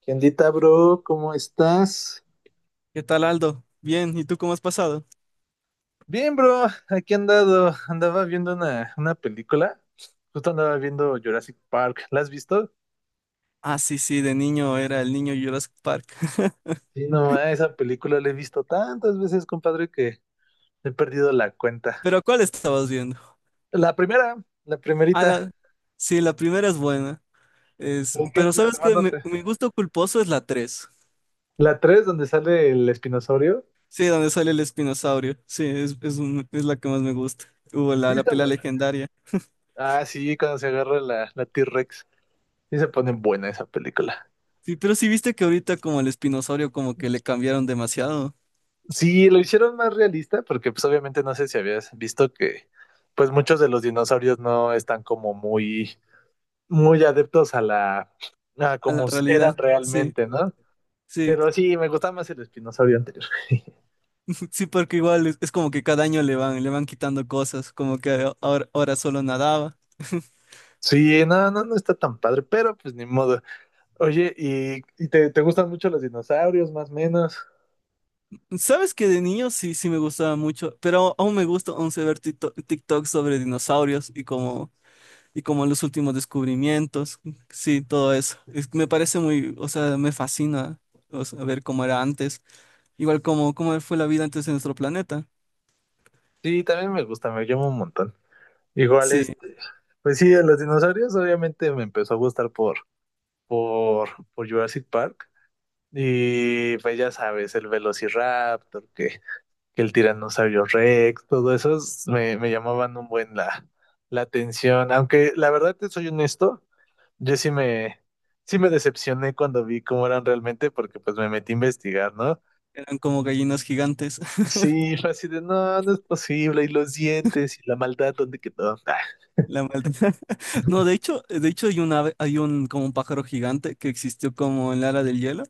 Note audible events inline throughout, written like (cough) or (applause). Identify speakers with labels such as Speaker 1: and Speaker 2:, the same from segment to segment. Speaker 1: ¿Qué ondita, bro? ¿Cómo estás?
Speaker 2: ¿Qué tal, Aldo? Bien, ¿y tú cómo has pasado?
Speaker 1: Bien, bro, aquí he andado, andaba viendo una película, justo andaba viendo Jurassic Park. ¿La has visto?
Speaker 2: Ah, sí, sí, de niño era el niño Jurassic Park. (laughs)
Speaker 1: Sí, no, ma, esa película la he visto tantas veces, compadre, que he perdido la cuenta.
Speaker 2: ¿Pero cuál estabas viendo?
Speaker 1: La primera, la
Speaker 2: Ah,
Speaker 1: primerita,
Speaker 2: la... Sí, la primera es buena. Pero
Speaker 1: la
Speaker 2: sabes
Speaker 1: demás
Speaker 2: que
Speaker 1: no.
Speaker 2: mi gusto culposo es la 3.
Speaker 1: La tres, donde sale el espinosaurio,
Speaker 2: Sí, donde sale el espinosaurio. Sí, es la que más me gusta. Hubo
Speaker 1: sí
Speaker 2: la
Speaker 1: está
Speaker 2: pelea
Speaker 1: buena.
Speaker 2: legendaria.
Speaker 1: Ah, sí, cuando se agarra la T-Rex, sí se pone buena esa película.
Speaker 2: Sí, pero sí viste que ahorita como el espinosaurio como que le cambiaron demasiado
Speaker 1: Sí, lo hicieron más realista porque pues obviamente no sé si habías visto que pues muchos de los dinosaurios no están como muy adeptos a la a
Speaker 2: a la
Speaker 1: como
Speaker 2: realidad.
Speaker 1: eran
Speaker 2: Sí.
Speaker 1: realmente, ¿no?
Speaker 2: Sí,
Speaker 1: Pero sí, me gustaba más el espinosaurio anterior. (laughs)
Speaker 2: (laughs) sí, porque igual es como que cada año le van quitando cosas, como que ahora solo nadaba.
Speaker 1: Sí, no está tan padre, pero pues ni modo. Oye, ¿y te gustan mucho los dinosaurios, más o menos?
Speaker 2: Sabes que de niño sí, sí me gustaba mucho, pero aún me gusta, aún sé ver TikTok sobre dinosaurios y como los últimos descubrimientos. Sí, todo eso. Me parece muy, o sea, me fascina, o sea, ver cómo era antes. Igual como cómo fue la vida antes de nuestro planeta.
Speaker 1: Sí, también me gusta, me llama un montón. Igual
Speaker 2: Sí,
Speaker 1: pues sí, de los dinosaurios obviamente me empezó a gustar por, por Jurassic Park. Y pues ya sabes, el Velociraptor, que el Tiranosaurio Rex, todo eso me llamaban un buen la atención. Aunque la verdad te soy honesto, yo sí me, sí me decepcioné cuando vi cómo eran realmente, porque pues me metí a investigar, ¿no?
Speaker 2: eran como gallinas gigantes. (laughs)
Speaker 1: Sí, fue así de, no, no es posible, y los dientes, y la maldad, ¿dónde quedó?
Speaker 2: La maldita. (laughs) No, de hecho hay un ave, hay un, como un pájaro gigante que existió como en la era del hielo.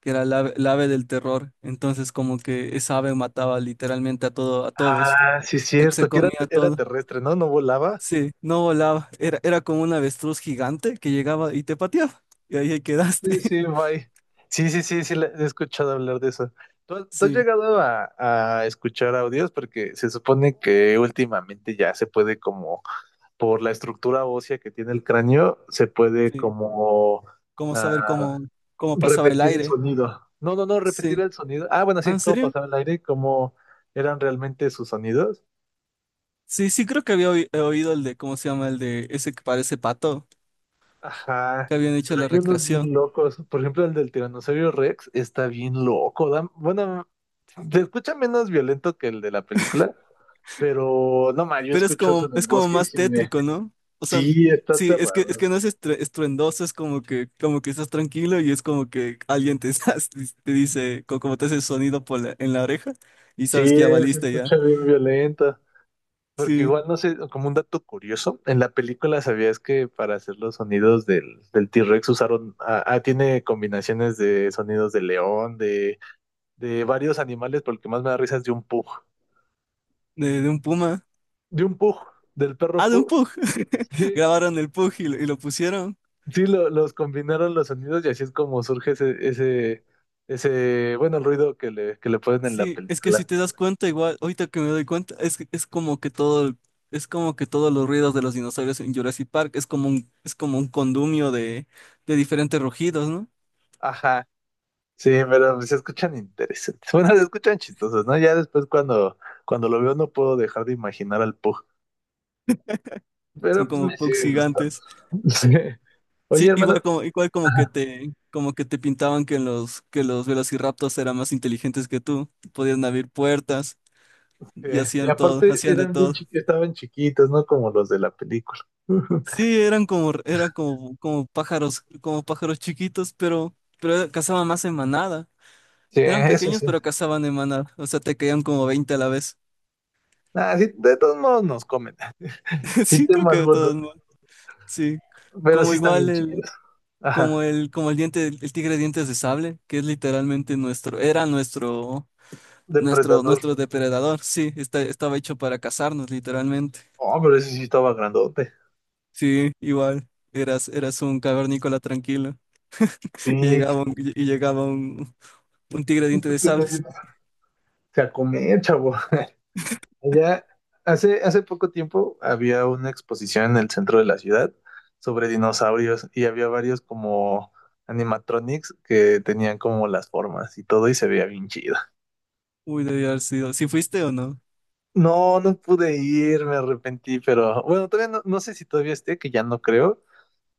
Speaker 2: Que era el ave del terror. Entonces, como que esa ave mataba literalmente a todo, a todos.
Speaker 1: Sí es
Speaker 2: Ya que se
Speaker 1: cierto, que
Speaker 2: comía
Speaker 1: era
Speaker 2: todo.
Speaker 1: terrestre, ¿no? No volaba.
Speaker 2: Sí, no volaba. Era como un avestruz gigante que llegaba y te pateaba. Y ahí
Speaker 1: Sí,
Speaker 2: quedaste.
Speaker 1: sí,
Speaker 2: (laughs)
Speaker 1: bye. Sí, sí, sí, sí, he escuchado hablar de eso. ¿ tú has
Speaker 2: Sí,
Speaker 1: llegado a escuchar audios? Porque se supone que últimamente ya se puede como, por la estructura ósea que tiene el cráneo, se puede
Speaker 2: sí.
Speaker 1: como
Speaker 2: ¿Cómo saber
Speaker 1: ah,
Speaker 2: cómo pasaba el
Speaker 1: repetir el
Speaker 2: aire?
Speaker 1: sonido. No, no, no, repetir
Speaker 2: Sí.
Speaker 1: el sonido. Ah, bueno,
Speaker 2: Ah,
Speaker 1: sí,
Speaker 2: ¿en
Speaker 1: cómo
Speaker 2: serio?
Speaker 1: pasaba el aire, cómo eran realmente sus sonidos.
Speaker 2: Sí, sí, creo que he oído el de, ¿cómo se llama? El de ese que parece pato,
Speaker 1: Ajá,
Speaker 2: que habían hecho
Speaker 1: pero
Speaker 2: la
Speaker 1: hay unos
Speaker 2: recreación.
Speaker 1: bien locos. Por ejemplo, el del Tiranosaurio Rex está bien loco. Bueno, se escucha menos violento que el de la película, pero no más, yo
Speaker 2: Pero es
Speaker 1: escucho eso
Speaker 2: como,
Speaker 1: en el
Speaker 2: es como
Speaker 1: bosque y
Speaker 2: más
Speaker 1: sí me...
Speaker 2: tétrico, ¿no? O sea,
Speaker 1: Sí, está
Speaker 2: sí, es que
Speaker 1: aterrador.
Speaker 2: no es estruendoso, es como que estás tranquilo y es como que alguien te, (laughs) te dice, como te hace el sonido en la oreja, y
Speaker 1: Sí,
Speaker 2: sabes que ya
Speaker 1: se
Speaker 2: valiste ya.
Speaker 1: escucha bien violento. Porque
Speaker 2: Sí,
Speaker 1: igual, no sé, como un dato curioso, en la película sabías que para hacer los sonidos del T-Rex usaron, tiene combinaciones de sonidos de león, de varios animales, porque más me da risa es de un pug.
Speaker 2: de un puma.
Speaker 1: de un pug, del perro
Speaker 2: Ah, de un
Speaker 1: pug.
Speaker 2: pug.
Speaker 1: Sí,
Speaker 2: (laughs) Grabaron el pug y lo pusieron.
Speaker 1: los combinaron los sonidos y así es como surge bueno, el ruido que que le ponen en la
Speaker 2: Sí, es que si
Speaker 1: película.
Speaker 2: te das cuenta, igual, ahorita que me doy cuenta, es como que todo, es como que todos los ruidos de los dinosaurios en Jurassic Park es como un condumio de diferentes rugidos, ¿no?
Speaker 1: Ajá, sí, pero se escuchan interesantes. Bueno, se escuchan chistosos, ¿no? Ya después cuando lo veo no puedo dejar de imaginar al pug.
Speaker 2: Son
Speaker 1: Pero pues
Speaker 2: como
Speaker 1: me
Speaker 2: pugs
Speaker 1: sigue gustando.
Speaker 2: gigantes.
Speaker 1: (laughs) Sí. Oye,
Speaker 2: Sí,
Speaker 1: hermano.
Speaker 2: igual
Speaker 1: Ajá.
Speaker 2: como que te pintaban que que los velociraptors eran más inteligentes que tú. Podían abrir puertas
Speaker 1: Sí,
Speaker 2: y
Speaker 1: y
Speaker 2: hacían todo,
Speaker 1: aparte
Speaker 2: hacían de
Speaker 1: eran
Speaker 2: todo.
Speaker 1: estaban chiquitos, ¿no? Como los de la película. (laughs)
Speaker 2: Sí, como pájaros chiquitos, pero cazaban más en manada.
Speaker 1: Sí,
Speaker 2: Eran
Speaker 1: eso
Speaker 2: pequeños,
Speaker 1: sí.
Speaker 2: pero cazaban en manada. O sea, te caían como 20 a la vez.
Speaker 1: Ah, sí, de todos modos nos comen.
Speaker 2: (laughs)
Speaker 1: Sí
Speaker 2: Sí, creo
Speaker 1: tengo
Speaker 2: que de
Speaker 1: algunos,
Speaker 2: todos modos. Sí.
Speaker 1: pero
Speaker 2: Como
Speaker 1: sí están
Speaker 2: igual
Speaker 1: bien chidos. Ajá.
Speaker 2: como el diente, el tigre de dientes de sable, que es literalmente nuestro, era nuestro. Nuestro,
Speaker 1: Depredador.
Speaker 2: nuestro depredador, sí, estaba hecho para cazarnos, literalmente.
Speaker 1: Oh, pero ese sí estaba grandote.
Speaker 2: Sí, igual. Eras un cavernícola tranquilo. (laughs) Y
Speaker 1: Sí.
Speaker 2: llegaba un, y llegaba un, un tigre diente de sables.
Speaker 1: Se a comer, chavo. (laughs) Allá, hace poco tiempo había una exposición en el centro de la ciudad sobre dinosaurios y había varios como animatronics que tenían como las formas y todo y se veía bien chido.
Speaker 2: Uy, debió haber sido. ¿Sí fuiste o no?
Speaker 1: No, no pude ir, me arrepentí, pero bueno, todavía no, no sé si todavía esté, que ya no creo,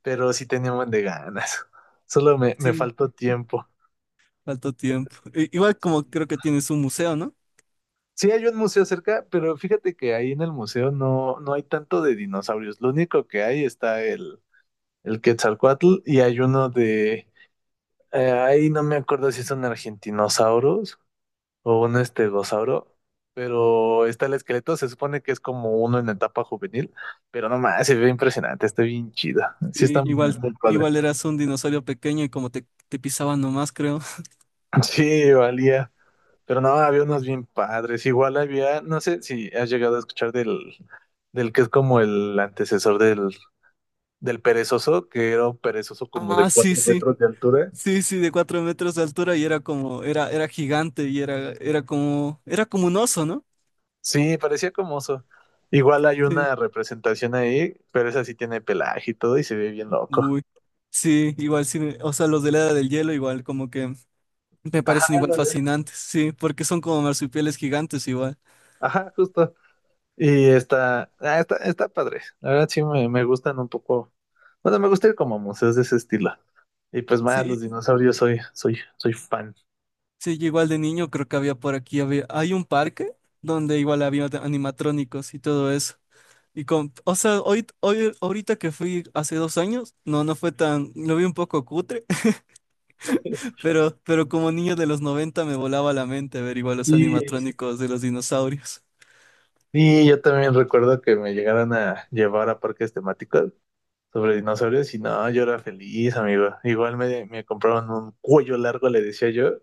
Speaker 1: pero sí tenía un buen de ganas. (laughs) Solo me
Speaker 2: Sí,
Speaker 1: faltó tiempo.
Speaker 2: faltó
Speaker 1: Pero
Speaker 2: tiempo.
Speaker 1: sí.
Speaker 2: Igual como creo que tienes un museo, ¿no?
Speaker 1: Sí hay un museo cerca, pero fíjate que ahí en el museo no, no hay tanto de dinosaurios. Lo único que hay está el Quetzalcóatl y hay uno de... ahí no me acuerdo si son argentinosaurus o un estegosauro, pero está el esqueleto, se supone que es como uno en etapa juvenil, pero no más, se ve impresionante, está bien chido. Sí
Speaker 2: Sí,
Speaker 1: está muy,
Speaker 2: igual,
Speaker 1: muy padre.
Speaker 2: igual eras un dinosaurio pequeño, y como te pisaban nomás, creo. (laughs)
Speaker 1: (laughs) Sí, valía. Pero no, había unos bien padres. Igual había, no sé si has llegado a escuchar del que es como el antecesor del perezoso, que era un perezoso como
Speaker 2: Ah,
Speaker 1: de
Speaker 2: sí,
Speaker 1: cuatro
Speaker 2: sí.
Speaker 1: metros de altura.
Speaker 2: Sí, sí, de 4 metros de altura, y era gigante, y era como un oso, ¿no?
Speaker 1: Sí, parecía como oso. Igual hay
Speaker 2: Sí.
Speaker 1: una representación ahí, pero esa sí tiene pelaje y todo y se ve bien loco.
Speaker 2: Uy, sí, igual sí, o sea, los de la Edad del Hielo igual como que me
Speaker 1: Ajá,
Speaker 2: parecen igual
Speaker 1: ándale.
Speaker 2: fascinantes, sí, porque son como marsupiales gigantes igual.
Speaker 1: Ajá, justo. Y está padre. La verdad me gustan un poco. Bueno, me gusta ir como a museos de ese estilo. Y pues más,
Speaker 2: Sí,
Speaker 1: los dinosaurios soy fan.
Speaker 2: sí, yo igual de niño creo que había por aquí, había, hay un parque donde igual había animatrónicos y todo eso. Y con, o sea, hoy, ahorita que fui hace 2 años, no fue tan, lo vi un poco cutre, (laughs) pero como niño de los 90 me volaba la mente ver igual los
Speaker 1: Sí.
Speaker 2: animatrónicos de los dinosaurios. (laughs)
Speaker 1: Y yo también recuerdo que me llegaron a llevar a parques temáticos sobre dinosaurios y no, yo era feliz, amigo. Igual me compraron un cuello largo, le decía yo,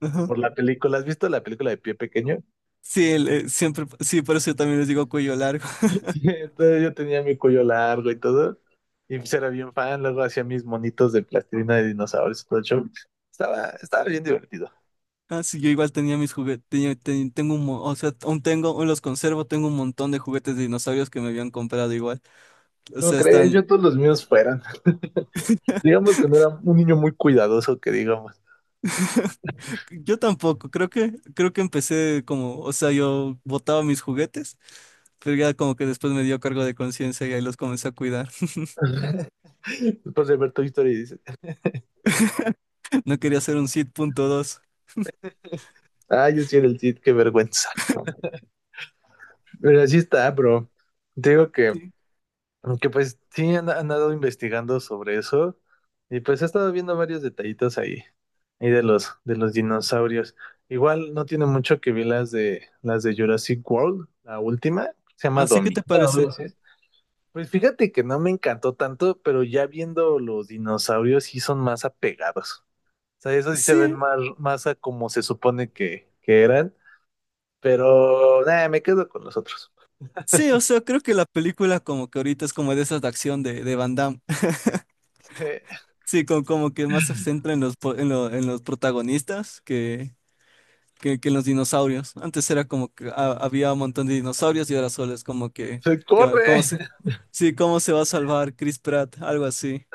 Speaker 2: Ajá.
Speaker 1: por la película. ¿Has visto la película de Pie Pequeño?
Speaker 2: Sí, siempre, sí, por eso yo también les digo cuello largo.
Speaker 1: (laughs) Entonces yo tenía mi cuello largo y todo. Y pues era bien fan, luego hacía mis monitos de plastilina de dinosaurios y todo el show. Estaba bien divertido.
Speaker 2: Ah, sí, yo igual tenía mis juguetes, o sea, aún tengo, aún los conservo, tengo un montón de juguetes de dinosaurios que me habían comprado igual. O
Speaker 1: No
Speaker 2: sea,
Speaker 1: crees,
Speaker 2: están,
Speaker 1: yo todos los míos fueran. (laughs) Digamos que no era un niño muy cuidadoso, que digamos.
Speaker 2: yo tampoco, creo que empecé como, o sea, yo botaba mis juguetes, pero ya como que después me dio cargo de conciencia y ahí los comencé a cuidar.
Speaker 1: (laughs) Después de ver tu historia.
Speaker 2: (laughs) No quería hacer un Sid.2.
Speaker 1: Ah, yo sí era el Cid, qué vergüenza. (laughs) Pero así está, bro. Te digo
Speaker 2: Sí.
Speaker 1: que pues han andado investigando sobre eso y pues he estado viendo varios detallitos ahí, ahí de los dinosaurios. Igual no tiene mucho que ver las de Jurassic World, la última, se llama
Speaker 2: Así que
Speaker 1: Dominion.
Speaker 2: te
Speaker 1: Algo
Speaker 2: parece.
Speaker 1: así. Pues fíjate que no me encantó tanto, pero ya viendo los dinosaurios sí son más apegados. O sea, esos sí se ven
Speaker 2: Sí,
Speaker 1: más a como se supone que eran, pero nada, me quedo con los otros.
Speaker 2: sí, o
Speaker 1: (laughs)
Speaker 2: sea, creo que la película como que ahorita es como de esas de acción de Van Damme. (laughs)
Speaker 1: Se
Speaker 2: Sí, como que más se centra en los, po- en lo- en los protagonistas que los dinosaurios. Antes era como que había un montón de dinosaurios, y ahora solo es como que,
Speaker 1: se
Speaker 2: que ¿cómo
Speaker 1: corre.
Speaker 2: se, sí, cómo se va a salvar Chris Pratt? Algo así.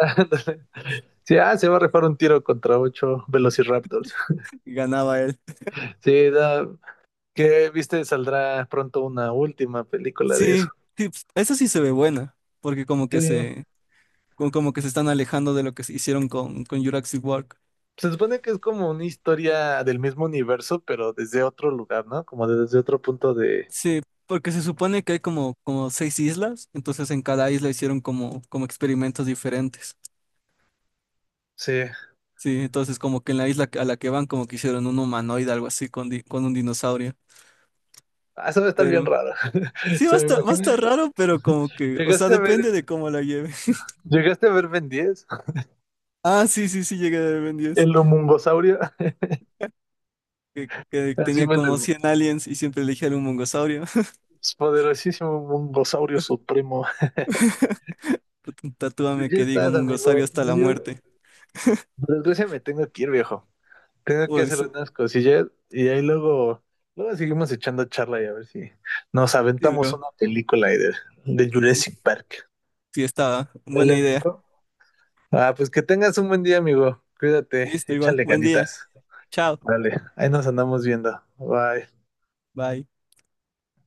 Speaker 1: Sí, ah, se va a rifar un tiro contra ocho Velociraptors.
Speaker 2: Y ganaba él.
Speaker 1: Sí, que viste, saldrá pronto una última película de
Speaker 2: Sí,
Speaker 1: eso.
Speaker 2: sí, pues, esa sí se ve buena, porque como
Speaker 1: Sí.
Speaker 2: que se, como como que se están alejando de lo que se hicieron con Jurassic World.
Speaker 1: Se supone que es como una historia del mismo universo, pero desde otro lugar, ¿no? Como desde otro punto de.
Speaker 2: Sí, porque se supone que hay como seis islas, entonces en cada isla hicieron como experimentos diferentes.
Speaker 1: Sí.
Speaker 2: Sí, entonces como que en la isla a la que van como que hicieron un humanoide, algo así, con un dinosaurio.
Speaker 1: Ah, eso va a estar bien
Speaker 2: Pero
Speaker 1: raro. (laughs)
Speaker 2: sí, va
Speaker 1: Se
Speaker 2: a
Speaker 1: me
Speaker 2: estar, va a estar
Speaker 1: imagina.
Speaker 2: raro, pero como que, o sea,
Speaker 1: ¿Llegaste a ver,
Speaker 2: depende de cómo la lleve. (laughs)
Speaker 1: llegaste a ver Ben 10?
Speaker 2: Ah, sí, sí, sí, llegué a Ben 10,
Speaker 1: El homungosaurio. (laughs)
Speaker 2: que
Speaker 1: Así
Speaker 2: tenía
Speaker 1: me
Speaker 2: como
Speaker 1: lo.
Speaker 2: 100 aliens y siempre elegía un mongosaurio. (laughs)
Speaker 1: Poderosísimo homungosaurio supremo. Pues
Speaker 2: Tatúame
Speaker 1: ya
Speaker 2: que digo
Speaker 1: estás,
Speaker 2: mongosaurio
Speaker 1: amigo.
Speaker 2: hasta
Speaker 1: Pues
Speaker 2: la
Speaker 1: yo,
Speaker 2: muerte.
Speaker 1: por desgracia, me tengo que ir, viejo. Tengo que hacer
Speaker 2: Pues,
Speaker 1: unas cosillas y ahí luego seguimos echando charla y a ver si nos
Speaker 2: sí,
Speaker 1: aventamos
Speaker 2: bro,
Speaker 1: una película ahí de Jurassic Park.
Speaker 2: sí estaba,
Speaker 1: Dale,
Speaker 2: buena idea.
Speaker 1: amigo. Ah, pues que tengas un buen día, amigo. Cuídate,
Speaker 2: Listo, igual,
Speaker 1: échale
Speaker 2: buen día,
Speaker 1: ganitas.
Speaker 2: chao,
Speaker 1: Dale, ahí nos andamos viendo. Bye.
Speaker 2: bye.